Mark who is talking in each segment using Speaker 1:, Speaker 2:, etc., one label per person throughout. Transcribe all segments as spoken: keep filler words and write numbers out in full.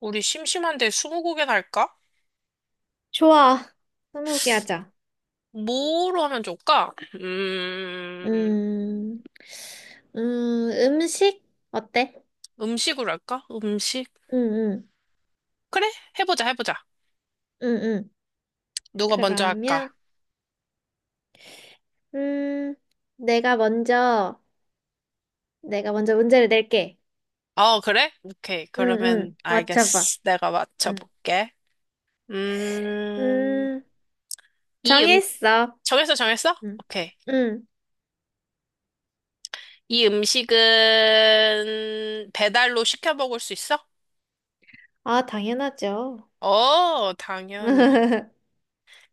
Speaker 1: 우리 심심한데 스무고개나 할까?
Speaker 2: 좋아. 스무고개 하자.
Speaker 1: 뭐로 하면 좋을까? 음,
Speaker 2: 음, 음, 음식? 어때?
Speaker 1: 음식으로 할까? 음식?
Speaker 2: 응, 응,
Speaker 1: 그래? 해보자, 해보자.
Speaker 2: 응, 응.
Speaker 1: 누가 먼저 할까?
Speaker 2: 그러면, 음, 내가 먼저, 내가 먼저 문제를 낼게.
Speaker 1: 어, 그래? 오케이.
Speaker 2: 응, 응,
Speaker 1: 그러면
Speaker 2: 맞춰봐.
Speaker 1: 알겠어. 내가
Speaker 2: 음,
Speaker 1: 맞춰볼게. 음,
Speaker 2: 음,
Speaker 1: 이 음,
Speaker 2: 정했어.
Speaker 1: 정했어, 정했어?
Speaker 2: 응,
Speaker 1: 오케이.
Speaker 2: 응,
Speaker 1: 이 음식은 배달로 시켜 먹을 수 있어?
Speaker 2: 아, 당연하죠.
Speaker 1: 어, 당연히.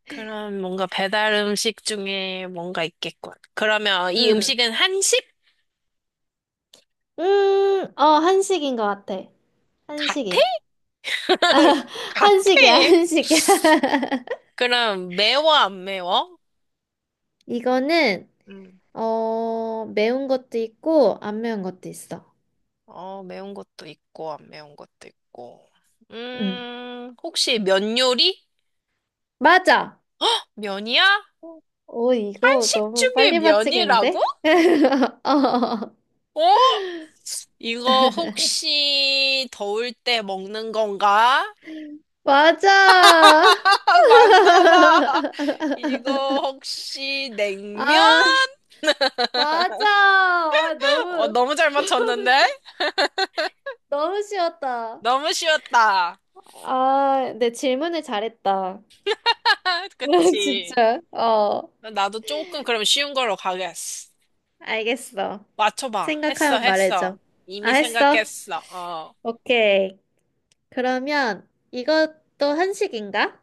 Speaker 1: 그럼 뭔가 배달 음식 중에 뭔가 있겠군. 그러면 이
Speaker 2: 응.
Speaker 1: 음식은 한식
Speaker 2: 음, 어, 한식인 것 같아.
Speaker 1: 같아?
Speaker 2: 한식이야.
Speaker 1: 같아.
Speaker 2: 한식이야, 한식이야.
Speaker 1: 그럼 매워 안 매워?
Speaker 2: 이거는,
Speaker 1: 음.
Speaker 2: 어, 매운 것도 있고, 안 매운 것도 있어.
Speaker 1: 어, 매운 것도 있고 안 매운 것도 있고.
Speaker 2: 응.
Speaker 1: 음, 혹시 면 요리?
Speaker 2: 맞아!
Speaker 1: 면이야?
Speaker 2: 오, 이거
Speaker 1: 한식
Speaker 2: 너무
Speaker 1: 중에
Speaker 2: 빨리
Speaker 1: 면이라고?
Speaker 2: 맞히겠는데? 어.
Speaker 1: 어? 이거 혹시 더울 때 먹는 건가?
Speaker 2: 맞아!
Speaker 1: 맞나 봐. 이거 혹시 냉면?
Speaker 2: 아, 맞아! 아,
Speaker 1: 어,
Speaker 2: 너무,
Speaker 1: 너무 잘
Speaker 2: 너무,
Speaker 1: 맞췄는데?
Speaker 2: 쉬- 너무 쉬웠다.
Speaker 1: 너무 쉬웠다.
Speaker 2: 아, 내 질문을 잘했다.
Speaker 1: 그치?
Speaker 2: 진짜. 어,
Speaker 1: 나도 조금 그럼 쉬운 걸로 가겠어.
Speaker 2: 알겠어.
Speaker 1: 맞춰봐. 했어,
Speaker 2: 생각하면
Speaker 1: 했어.
Speaker 2: 말해줘. 아,
Speaker 1: 이미
Speaker 2: 했어?
Speaker 1: 생각했어. 어.
Speaker 2: 오케이. 그러면 이것도 한식인가?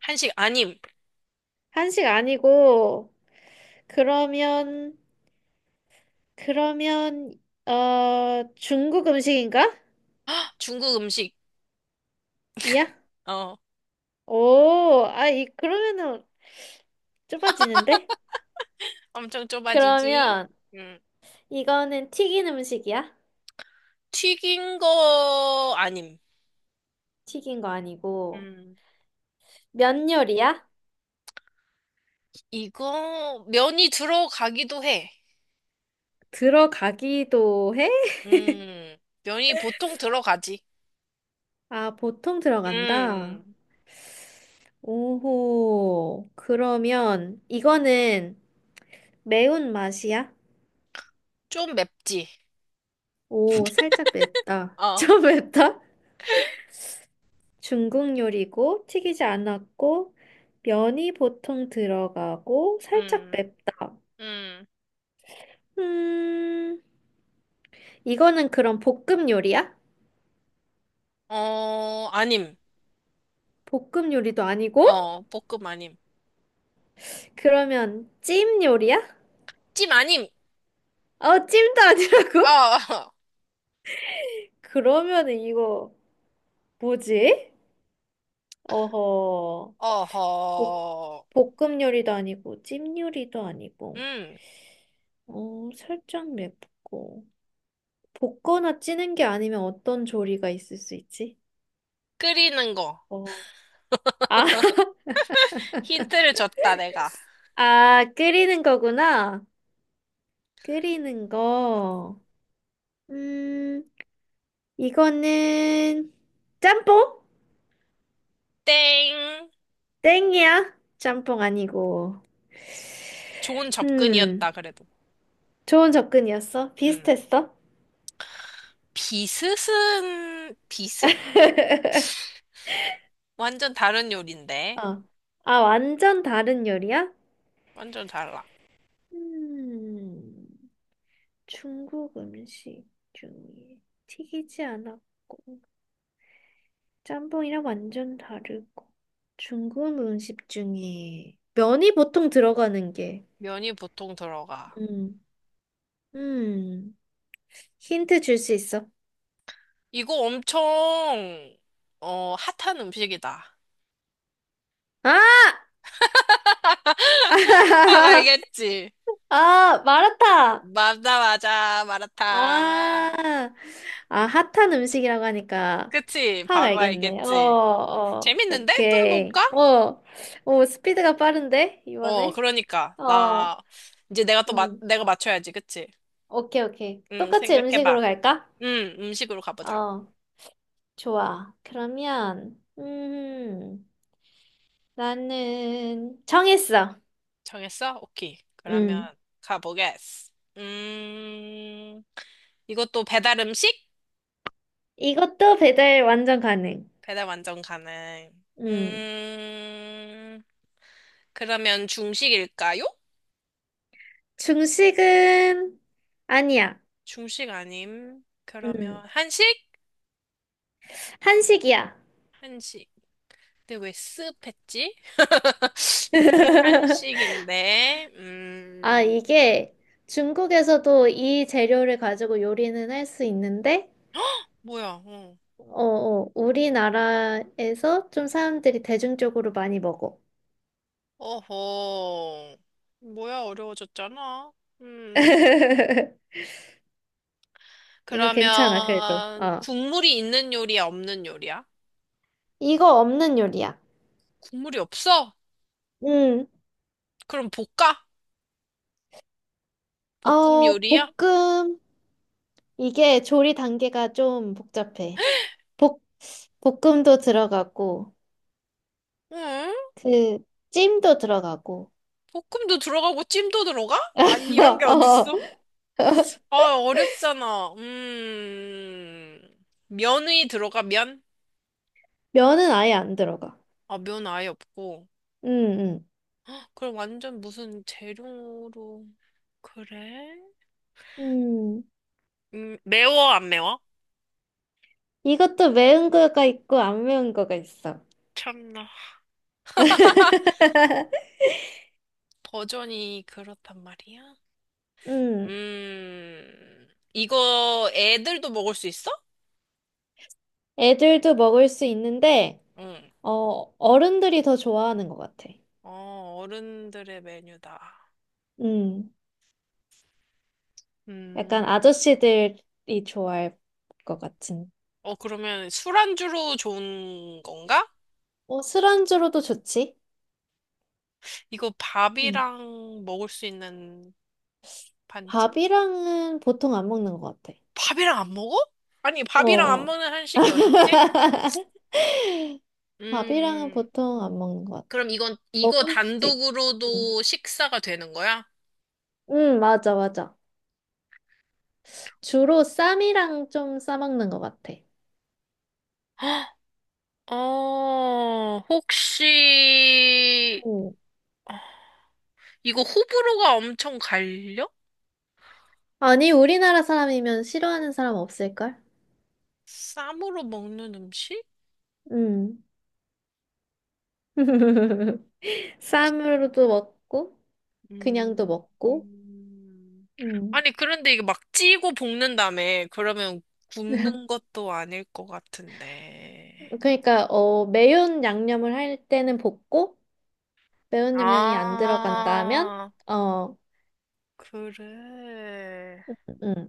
Speaker 1: 한식 아님.
Speaker 2: 한식 아니고, 그러면, 그러면, 어, 중국 음식인가?
Speaker 1: 중국 음식.
Speaker 2: 이야?
Speaker 1: 어.
Speaker 2: 오, 아, 이, 그러면은 좁아지는데?
Speaker 1: 엄청 좁아지지.
Speaker 2: 그러면
Speaker 1: 음.
Speaker 2: 이거는 튀긴 음식이야?
Speaker 1: 튀긴 거 아님.
Speaker 2: 튀긴 거 아니고,
Speaker 1: 음.
Speaker 2: 면 요리야?
Speaker 1: 이거 면이 들어가기도 해.
Speaker 2: 들어가기도 해?
Speaker 1: 음. 면이 보통 들어가지.
Speaker 2: 아, 보통 들어간다.
Speaker 1: 음.
Speaker 2: 오호, 그러면 이거는 매운 맛이야?
Speaker 1: 좀 맵지.
Speaker 2: 오, 살짝 맵다.
Speaker 1: 어.
Speaker 2: 좀 맵다? 중국 요리고 튀기지 않았고 면이 보통 들어가고 살짝
Speaker 1: 음.
Speaker 2: 맵다.
Speaker 1: 음.
Speaker 2: 음, 이거는 그럼 볶음 요리야?
Speaker 1: 어, 아님.
Speaker 2: 볶음 요리도 아니고?
Speaker 1: 어, 볶음 아님.
Speaker 2: 그러면 찜 요리야?
Speaker 1: 찜 아님. 어.
Speaker 2: 어, 찜도 아니라고? 그러면은 이거 뭐지? 어허, 볶,
Speaker 1: 어허.
Speaker 2: 볶음 요리도 아니고 찜 요리도 아니고,
Speaker 1: 음.
Speaker 2: 어, 살짝 맵고. 볶거나 찌는 게 아니면 어떤 조리가 있을 수 있지?
Speaker 1: 끓이는 거.
Speaker 2: 어. 아,
Speaker 1: 힌트를 줬다, 내가.
Speaker 2: 아, 끓이는 거구나. 끓이는 거. 음, 이거는 짬뽕?
Speaker 1: 땡.
Speaker 2: 땡이야. 짬뽕 아니고.
Speaker 1: 좋은
Speaker 2: 음,
Speaker 1: 접근이었다, 그래도.
Speaker 2: 좋은 접근이었어.
Speaker 1: 음.
Speaker 2: 비슷했어.
Speaker 1: 비스은, 비스? 완전 다른 요리인데.
Speaker 2: 어. 아, 완전 다른 요리야?
Speaker 1: 완전 달라.
Speaker 2: 음, 중국 음식 중에 튀기지 않았고. 짬뽕이랑 완전 다르고. 중국 음식 중에 면이 보통 들어가는 게,
Speaker 1: 면이 보통 들어가.
Speaker 2: 음, 음, 힌트 줄 수 있어.
Speaker 1: 이거 엄청, 어, 핫한 음식이다.
Speaker 2: 아!
Speaker 1: 딱 알겠지?
Speaker 2: 아, 마라탕!
Speaker 1: 맞아, 맞아, 마라탕.
Speaker 2: 아, 아, 핫한 음식이라고 하니까
Speaker 1: 그치?
Speaker 2: 확
Speaker 1: 바로
Speaker 2: 알겠네. 어,
Speaker 1: 알겠지?
Speaker 2: 어,
Speaker 1: 재밌는데? 또
Speaker 2: 오케이.
Speaker 1: 해볼까?
Speaker 2: 어, 오, 스피드가 빠른데,
Speaker 1: 어,
Speaker 2: 이번에?
Speaker 1: 그러니까.
Speaker 2: 어,
Speaker 1: 나, 이제 내가 또, 마,
Speaker 2: 음,
Speaker 1: 내가 맞춰야지, 그치?
Speaker 2: 오케이, 오케이.
Speaker 1: 응,
Speaker 2: 똑같이
Speaker 1: 생각해봐.
Speaker 2: 음식으로 갈까?
Speaker 1: 음, 음식으로 가보자.
Speaker 2: 어. 좋아. 그러면, 음, 나는 정했어.
Speaker 1: 정했어? 오케이. 그러면
Speaker 2: 음,
Speaker 1: 가보겠어. 음, 이것도 배달 음식?
Speaker 2: 이것도 배달 완전 가능.
Speaker 1: 배달 완전 가능.
Speaker 2: 음,
Speaker 1: 음, 그러면 중식일까요?
Speaker 2: 중식은 아니야.
Speaker 1: 중식 아님. 그러면
Speaker 2: 음,
Speaker 1: 한식?
Speaker 2: 한식이야.
Speaker 1: 한식. 근데 왜 습했지? 한식인데,
Speaker 2: 아,
Speaker 1: 음,
Speaker 2: 이게 중국에서도 이 재료를 가지고 요리는 할 수 있는데,
Speaker 1: 뭐야, 어.
Speaker 2: 어, 어, 우리나라에서 좀 사람들이 대중적으로 많이 먹어.
Speaker 1: 어허. 뭐야, 어려워졌잖아. 음.
Speaker 2: 이거 괜찮아, 그래도.
Speaker 1: 그러면
Speaker 2: 어.
Speaker 1: 국물이 있는 요리야, 없는 요리야?
Speaker 2: 이거 없는 요리야.
Speaker 1: 국물이 없어?
Speaker 2: 음,
Speaker 1: 그럼 볶아? 볶음
Speaker 2: 어,
Speaker 1: 요리야?
Speaker 2: 볶음. 이게 조리 단계가 좀 복잡해. 볶, 볶음도 들어가고,
Speaker 1: 응?
Speaker 2: 그, 찜도 들어가고.
Speaker 1: 볶음도 들어가고 찜도 들어가? 아니, 이런 게
Speaker 2: 어,
Speaker 1: 어딨어? 아, 어렵잖아. 음. 면이 들어가, 면?
Speaker 2: 면은 아예 안 들어가.
Speaker 1: 아, 면 아예 없고.
Speaker 2: 음,
Speaker 1: 그럼 완전 무슨 재료로. 그래?
Speaker 2: 음. 음.
Speaker 1: 음, 매워, 안 매워?
Speaker 2: 이것도 매운 거가 있고, 안 매운 거가 있어.
Speaker 1: 참나. 버전이 그렇단 말이야?
Speaker 2: 음.
Speaker 1: 음. 이거 애들도 먹을 수 있어?
Speaker 2: 애들도 먹을 수 있는데,
Speaker 1: 응.
Speaker 2: 어, 어른들이 더 좋아하는 것 같아.
Speaker 1: 어, 어른들의 메뉴다.
Speaker 2: 음. 약간
Speaker 1: 음.
Speaker 2: 아저씨들이 좋아할 것 같은.
Speaker 1: 어, 그러면 술안주로 좋은 건가?
Speaker 2: 어, 술안주로도 좋지.
Speaker 1: 이거
Speaker 2: 음.
Speaker 1: 밥이랑 먹을 수 있는 반찬?
Speaker 2: 밥이랑은 보통 안 먹는 것 같아.
Speaker 1: 밥이랑 안 먹어? 아니,
Speaker 2: 어.
Speaker 1: 밥이랑 안
Speaker 2: 어.
Speaker 1: 먹는 한식이 어딨지?
Speaker 2: 밥이랑은
Speaker 1: 음, 음.
Speaker 2: 보통 안 먹는 것 같아.
Speaker 1: 그럼 이건, 이거
Speaker 2: 먹을 수도 있고. 응,
Speaker 1: 단독으로도 식사가 되는 거야?
Speaker 2: 응, 맞아, 맞아. 주로 쌈이랑 좀 싸먹는 것 같아.
Speaker 1: 어, 혹시,
Speaker 2: 응.
Speaker 1: 이거 호불호가 엄청 갈려?
Speaker 2: 아니, 우리나라 사람이면 싫어하는 사람 없을걸?
Speaker 1: 쌈으로 먹는 음식?
Speaker 2: 응. 쌈으로도 먹고, 그냥도
Speaker 1: 음,
Speaker 2: 먹고.
Speaker 1: 음.
Speaker 2: 응.
Speaker 1: 아니, 그런데 이게 막 찌고 볶는다며. 그러면 굽는 것도 아닐 것 같은데.
Speaker 2: 그러니까, 어, 매운 양념을 할 때는 볶고, 매운 양념이 안 들어간다면?
Speaker 1: 아,
Speaker 2: 어,
Speaker 1: 그래.
Speaker 2: 음.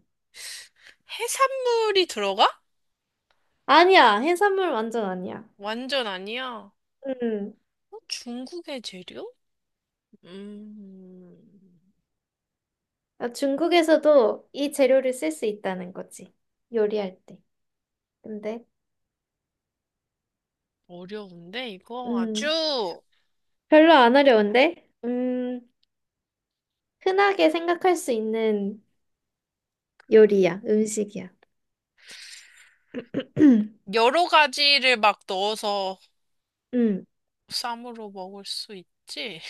Speaker 1: 해산물이 들어가?
Speaker 2: 아니야. 해산물 완전 아니야.
Speaker 1: 완전 아니야.
Speaker 2: 음.
Speaker 1: 어? 중국의 재료? 음,
Speaker 2: 아, 중국에서도 이 재료를 쓸 수 있다는 거지. 요리할 때. 근데,
Speaker 1: 어려운데, 이거
Speaker 2: 음.
Speaker 1: 아주.
Speaker 2: 별로 안 어려운데? 음. 흔하게 생각할 수 있는
Speaker 1: 그래.
Speaker 2: 요리야. 음식이야.
Speaker 1: 여러 가지를 막 넣어서
Speaker 2: 음.
Speaker 1: 쌈으로 먹을 수 있지?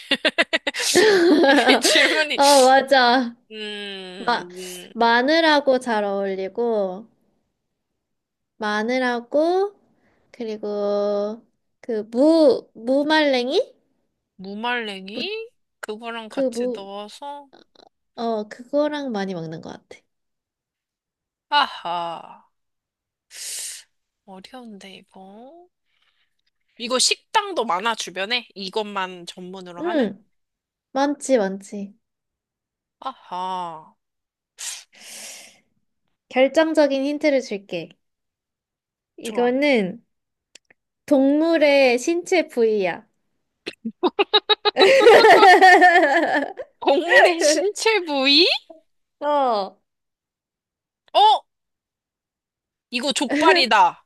Speaker 1: 이게 질문이
Speaker 2: 어, 맞아. 마,
Speaker 1: 음,
Speaker 2: 마늘하고 잘 어울리고, 마늘하고, 그리고 그 무, 무말랭이? 무,
Speaker 1: 무말랭이? 그거랑
Speaker 2: 그
Speaker 1: 같이
Speaker 2: 무,
Speaker 1: 넣어서,
Speaker 2: 어, 그거랑 많이 먹는 것 같아.
Speaker 1: 아하, 어려운데, 이거. 이거 식당도 많아, 주변에? 이것만 전문으로 하는?
Speaker 2: 응, 많지, 많지.
Speaker 1: 아하,
Speaker 2: 결정적인 힌트를 줄게.
Speaker 1: 좋아.
Speaker 2: 이거는 동물의 신체 부위야.
Speaker 1: 동물의 신체 부위?
Speaker 2: 어,
Speaker 1: 어? 이거 족발이다.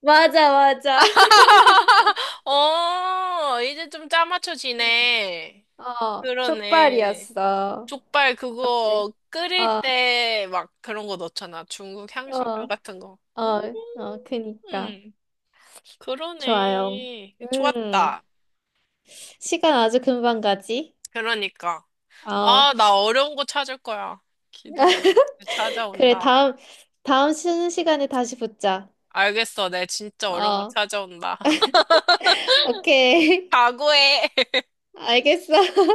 Speaker 2: 맞아, 맞아.
Speaker 1: 어, 이제 좀 짜맞춰지네.
Speaker 2: 어,
Speaker 1: 그러네.
Speaker 2: 족발이었어.
Speaker 1: 족발
Speaker 2: 어때?
Speaker 1: 그거 끓일
Speaker 2: 어,
Speaker 1: 때 막 그런 거 넣잖아. 중국
Speaker 2: 어,
Speaker 1: 향신료 같은 거. 음,
Speaker 2: 어, 어, 그니까.
Speaker 1: 음,
Speaker 2: 좋아요.
Speaker 1: 그러네.
Speaker 2: 음,
Speaker 1: 좋았다.
Speaker 2: 시간 아주 금방 가지?
Speaker 1: 그러니까.
Speaker 2: 어.
Speaker 1: 아, 나 어려운 거 찾을 거야. 기다려.
Speaker 2: 그래,
Speaker 1: 찾아온다.
Speaker 2: 다음, 다음 쉬는 시간에 다시 붙자.
Speaker 1: 알겠어. 내 진짜 어려운 거
Speaker 2: 어,
Speaker 1: 찾아온다.
Speaker 2: 오케이.
Speaker 1: 각오해.
Speaker 2: 알겠어.